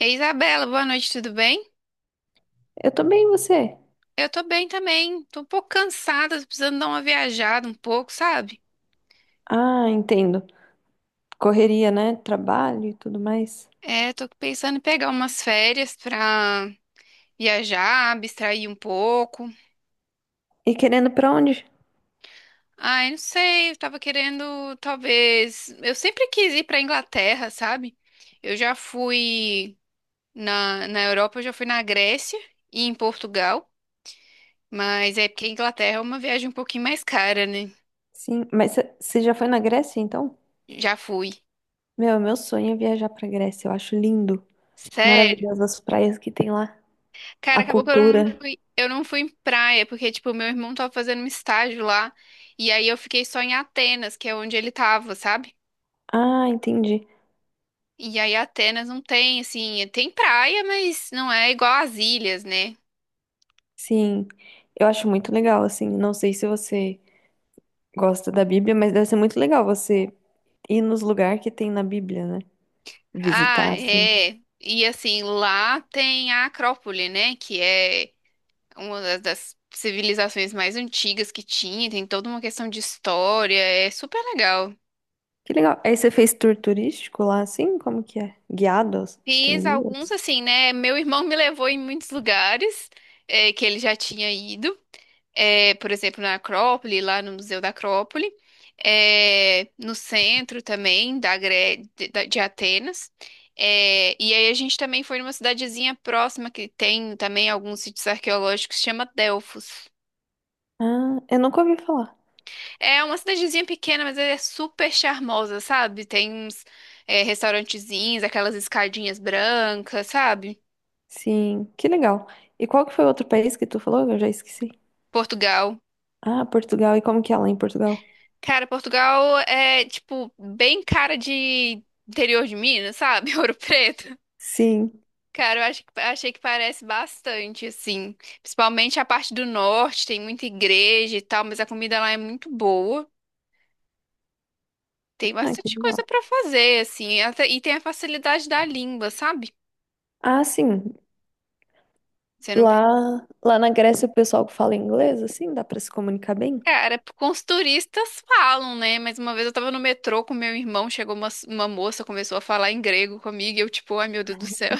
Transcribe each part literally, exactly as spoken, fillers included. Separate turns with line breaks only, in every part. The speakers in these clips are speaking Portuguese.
Ei, Isabela, boa noite, tudo bem?
Eu tô bem, e você?
Eu tô bem também. Tô um pouco cansada, tô precisando dar uma viajada um pouco, sabe?
Ah, entendo. Correria, né? Trabalho e tudo mais.
É, tô pensando em pegar umas férias pra viajar, abstrair um pouco.
E querendo pra onde?
Ai, não sei, eu tava querendo, talvez. Eu sempre quis ir pra Inglaterra, sabe? Eu já fui na, na Europa, eu já fui na Grécia e em Portugal, mas é porque a Inglaterra é uma viagem um pouquinho mais cara, né?
Sim, mas você já foi na Grécia, então?
Já fui.
Meu, meu sonho é viajar pra Grécia. Eu acho lindo.
Sério?
Maravilhosas as praias que tem lá.
Cara,
A
acabou que eu não
cultura.
fui, eu não fui em praia, porque, tipo, meu irmão tava fazendo um estágio lá, e aí eu fiquei só em Atenas, que é onde ele tava, sabe?
Ah, entendi.
E aí Atenas não tem, assim, tem praia, mas não é igual às ilhas, né?
Sim. Eu acho muito legal, assim. Não sei se você gosta da Bíblia, mas deve ser muito legal você ir nos lugares que tem na Bíblia, né?
Ah,
Visitar, assim.
é. E assim, lá tem a Acrópole, né? Que é uma das, das civilizações mais antigas que tinha, tem toda uma questão de história, é super legal.
Que legal. Aí você fez tour turístico lá, assim? Como que é? Guiados? Tem
Fiz alguns
guias?
assim, né? Meu irmão me levou em muitos lugares eh, que ele já tinha ido. Eh, por exemplo, na Acrópole, lá no Museu da Acrópole, eh, no centro também da Gre- de, da- de Atenas. Eh, e aí a gente também foi numa cidadezinha próxima que tem também alguns sítios arqueológicos, chama Delfos.
Ah, eu nunca ouvi falar.
É uma cidadezinha pequena, mas é super charmosa, sabe? Tem uns eh, restaurantezinhos, aquelas escadinhas brancas, sabe?
Sim, que legal. E qual que foi o outro país que tu falou? Eu já esqueci.
Portugal.
Ah, Portugal. E como que é lá em Portugal?
Cara, Portugal é, tipo, bem cara de interior de Minas, sabe? Ouro Preto.
Sim.
Cara, eu acho que, achei que parece bastante, assim. Principalmente a parte do norte, tem muita igreja e tal, mas a comida lá é muito boa. Tem
Ah, que
bastante coisa
legal.
pra fazer, assim. Até- e tem a facilidade da língua, sabe?
Ah, sim.
Você não.
Lá, lá na Grécia o pessoal que fala inglês, assim, dá pra se comunicar bem?
Cara, com os turistas falam, né? Mas uma vez eu tava no metrô com meu irmão, chegou uma, uma moça, começou a falar em grego comigo, e eu, tipo, ai meu Deus do céu.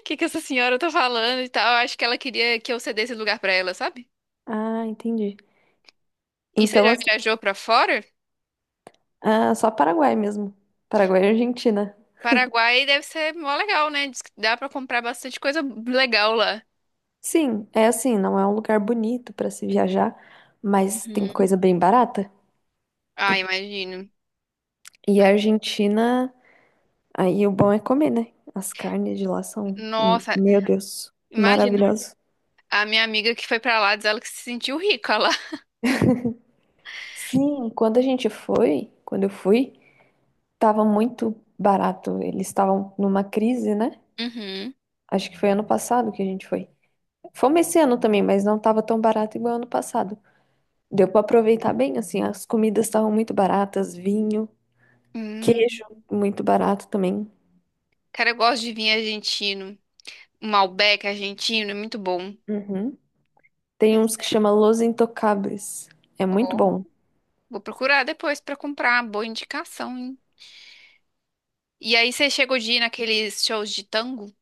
O que que essa senhora tá falando e tal? Eu acho que ela queria que eu cedesse lugar pra ela, sabe?
Ah, entendi.
E você
Então,
já
assim,
viajou pra fora?
ah, só Paraguai mesmo. Paraguai e Argentina.
Paraguai deve ser mó legal, né? Diz que dá pra comprar bastante coisa legal lá.
Sim, é assim, não é um lugar bonito pra se viajar, mas tem
Uhum.
coisa bem barata.
Ah, imagino.
E a Argentina. Aí o bom é comer, né? As carnes de lá são, m-
Nossa,
meu Deus,
imagina.
maravilhosas.
A minha amiga que foi pra lá diz ela que se sentiu rica lá.
Sim, quando a gente foi, quando eu fui, tava muito barato. Eles estavam numa crise, né?
Uhum.
Acho que foi ano passado que a gente foi. Fomos esse ano também, mas não tava tão barato igual ano passado. Deu pra aproveitar bem, assim, as comidas estavam muito baratas, vinho,
Hum.
queijo muito barato também.
Cara, eu gosto de vinho argentino. Um Malbec argentino, é muito bom.
Uhum. Tem uns que chama Los Intocables. É muito
Ó,
bom.
vou procurar depois pra comprar. Boa indicação, hein? E aí você chegou de ir naqueles shows de tango?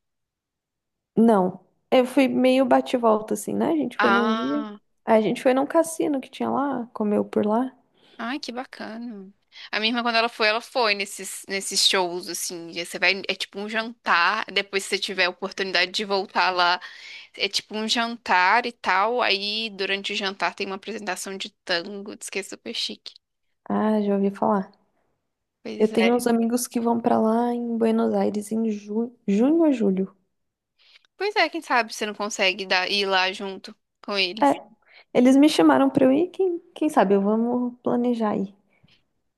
Não, eu fui meio bate e volta assim, né? A gente foi num dia.
Ah,
Aí a gente foi num cassino que tinha lá, comeu por lá.
ai, que bacana. A minha irmã, quando ela foi, ela foi nesses, nesses shows, assim. E você vai, é tipo um jantar. Depois, se você tiver a oportunidade de voltar lá, é tipo um jantar e tal. Aí, durante o jantar, tem uma apresentação de tango. Diz que é super chique.
Ah, já ouvi falar. Eu
Pois
tenho
é.
uns amigos que vão pra lá em Buenos Aires em ju... junho ou julho.
Pois é, quem sabe você não consegue dar, ir lá junto com eles.
É, eles me chamaram pra eu ir. Quem, quem sabe eu vamos planejar aí.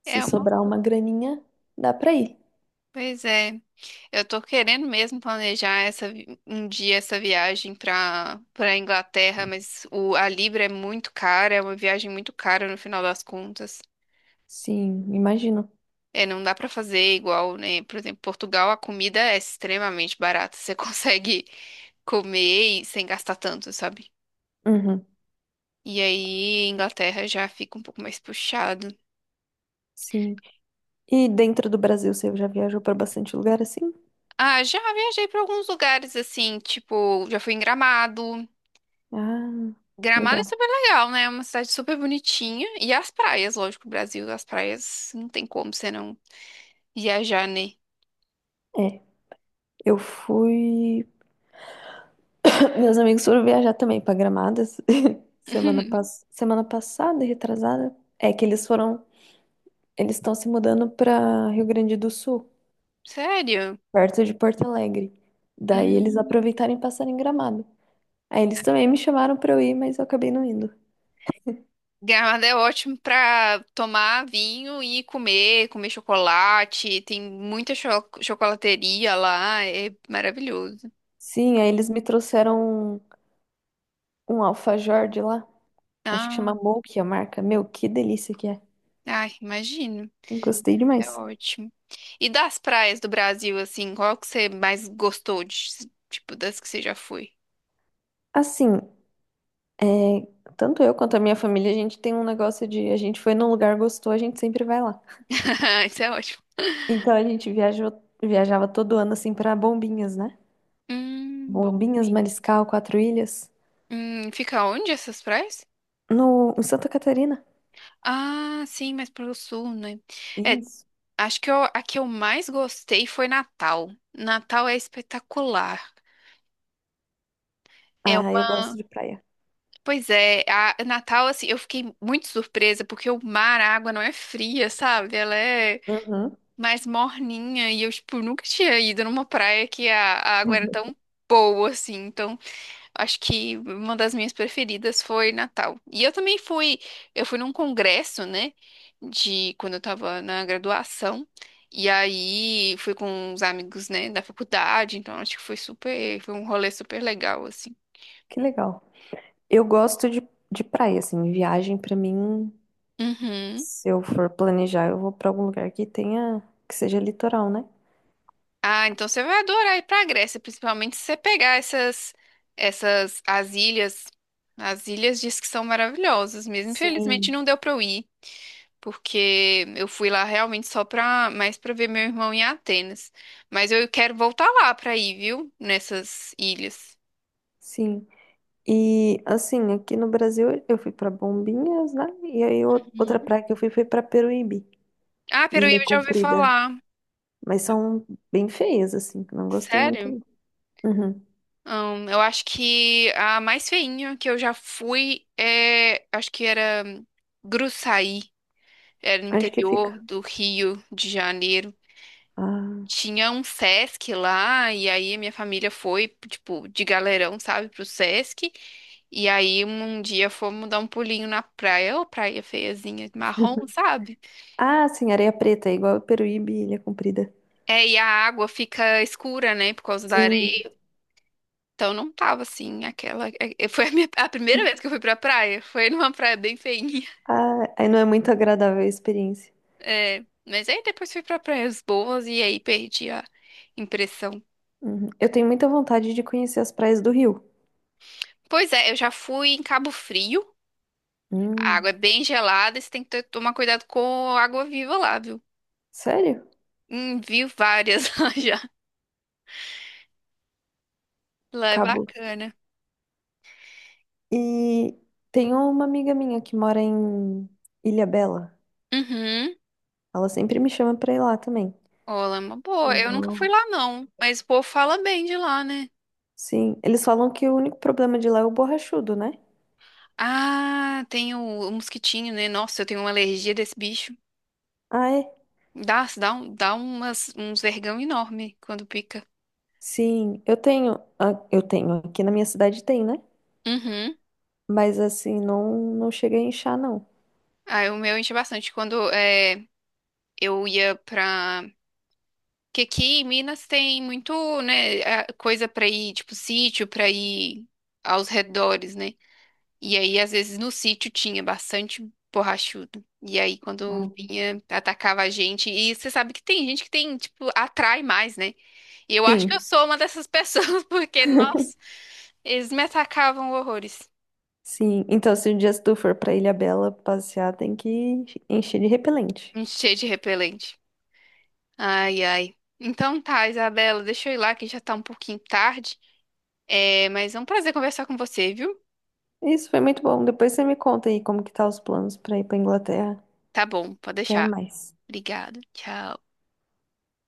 Se
É uma.
sobrar uma graninha, dá pra ir.
Pois é. Eu tô querendo mesmo planejar essa, vi- um dia essa viagem pra para Inglaterra, mas o, a Libra é muito cara, é uma viagem muito cara no final das contas.
Sim, imagino.
É, não dá pra fazer igual, né? Por exemplo, Portugal, a comida é extremamente barata. Você consegue comer e sem gastar tanto, sabe?
Uhum,
E aí, Inglaterra já fica um pouco mais puxado.
sim. E dentro do Brasil, você já viajou pra bastante lugar assim?
Ah, já viajei pra alguns lugares assim, tipo, já fui em Gramado.
Ah, que
Gramado é
legal.
super legal, né? É uma cidade super bonitinha. E as praias, lógico, Brasil, as praias não tem como você não viajar, né?
É, eu fui. Meus amigos foram viajar também pra Gramadas semana, pass... semana passada, retrasada. É que eles foram, eles estão se mudando pra Rio Grande do Sul,
Sério?
perto de Porto Alegre. Daí eles
Hum.
aproveitaram e passaram em Gramado. Aí eles também me chamaram pra eu ir, mas eu acabei não indo.
Gramado é ótimo pra tomar vinho e comer, comer chocolate. Tem muita cho- chocolateria lá, é maravilhoso.
Sim, aí eles me trouxeram um, um alfajor de lá, acho que chama
Ah,
Milk a marca. Meu, que delícia que é.
ai, imagino.
Gostei
É
demais.
ótimo. E das praias do Brasil, assim, qual que você mais gostou de, tipo, das que você já foi?
Assim, é, tanto eu quanto a minha família, a gente tem um negócio de a gente foi num lugar, gostou, a gente sempre vai lá.
Isso é ótimo.
Então a gente viajou, viajava todo ano assim pra Bombinhas, né?
Hum, bom.
Bombinhas, Mariscal, Quatro Ilhas,
Hum, fica onde essas praias?
no em Santa Catarina.
Ah, sim, mas pro sul, né? É,
Isso.
acho que eu, a que eu mais gostei foi Natal. Natal é espetacular. É,
Ah,
uma-
eu gosto de praia.
Pois é, a Natal, assim, eu fiquei muito surpresa porque o mar, a água não é fria, sabe? Ela é
Uhum.
mais morninha e eu, tipo, nunca tinha ido numa praia que a, a água era
Uhum.
tão boa, assim. Então, acho que uma das minhas preferidas foi Natal. E eu também fui, eu fui num congresso, né, de quando eu tava na graduação. E aí fui com uns amigos, né, da faculdade, então acho que foi super, foi um rolê super legal assim.
Que legal. Eu gosto de, de praia, assim, viagem pra mim,
Uhum.
se eu for planejar, eu vou pra algum lugar que tenha, que seja litoral, né?
Ah, então você vai adorar ir pra Grécia, principalmente se você pegar essas essas as ilhas. As ilhas diz que são maravilhosas mesmo. Infelizmente
Sim.
não deu pra eu ir, porque eu fui lá realmente só pra, mais pra ver meu irmão em Atenas. Mas eu quero voltar lá pra ir, viu? Nessas ilhas.
Sim. E assim, aqui no Brasil eu fui pra Bombinhas, né? E aí o- outra
Uhum.
praia que eu fui foi pra Peruíbe,
Ah, Peruíbe
Ilha
eu já ouvi
Comprida.
falar.
Mas são bem feias, assim. Não gostei muito.
Sério?
Não. Uhum.
Hum, eu acho que a mais feinha que eu já fui é, acho que era hum, Gruçaí, era no
Onde que fica?
interior do Rio de Janeiro.
Ah.
Tinha um Sesc lá, e aí a minha família foi, tipo, de galerão, sabe, pro Sesc. E aí um dia fomos dar um pulinho na praia, ô praia feiazinha, marrom, sabe?
Ah, sim, areia preta, é igual Peruíbe, e Ilha Comprida.
É, e a água fica escura, né, por causa da
Sim.
areia. Então não tava assim, aquela. é- é- Foi a, minha- a primeira vez que eu fui pra praia. Foi numa praia bem feinha.
Ah, aí não é muito agradável a experiência.
É, mas aí depois fui pra praias boas e aí perdi a impressão.
Uhum. Eu tenho muita vontade de conhecer as praias do Rio.
Pois é, eu já fui em Cabo Frio. A
Hum,
água é bem gelada e você tem que ter- tomar cuidado com a água viva lá, viu?
sério?
Hum, vi várias lá já. Lá é
Cabo.
bacana.
E tem uma amiga minha que mora em Ilha Bela.
Uhum.
Ela sempre me chama pra ir lá também.
Olá, é uma boa.
Eu
Eu nunca fui
vou.
lá, não. Mas o povo fala bem de lá, né?
Sim, eles falam que o único problema de lá é o borrachudo, né?
Ah, tem o, o mosquitinho, né? Nossa, eu tenho uma alergia desse bicho.
Ah, é?
Dá, dá, um- dá umas, uns vergão enorme quando pica.
Sim, eu tenho, ah, eu tenho, aqui na minha cidade tem, né?
Uhum.
Mas assim, não, não cheguei a inchar, não.
Aí o meu enche bastante. Quando é, eu ia pra que aqui em Minas tem muito, né, a- coisa pra ir, tipo sítio, pra ir aos redores, né? E aí, às vezes, no sítio tinha bastante borrachudo. E aí, quando
Ah,
vinha, atacava a gente. E você sabe que tem gente que tem, tipo, atrai mais, né? E eu acho que eu
sim,
sou uma dessas pessoas, porque, nossa, eles me atacavam horrores.
sim. Então, se um dia tu for pra Ilha Bela passear, tem que encher de repelente.
Cheio de repelente. Ai, ai. Então tá, Isabela, deixa eu ir lá que já tá um pouquinho tarde. É, mas é um prazer conversar com você, viu?
Isso foi muito bom. Depois você me conta aí como que tá os planos pra ir pra Inglaterra.
Tá bom, pode
Até
deixar.
mais.
Obrigado. Tchau.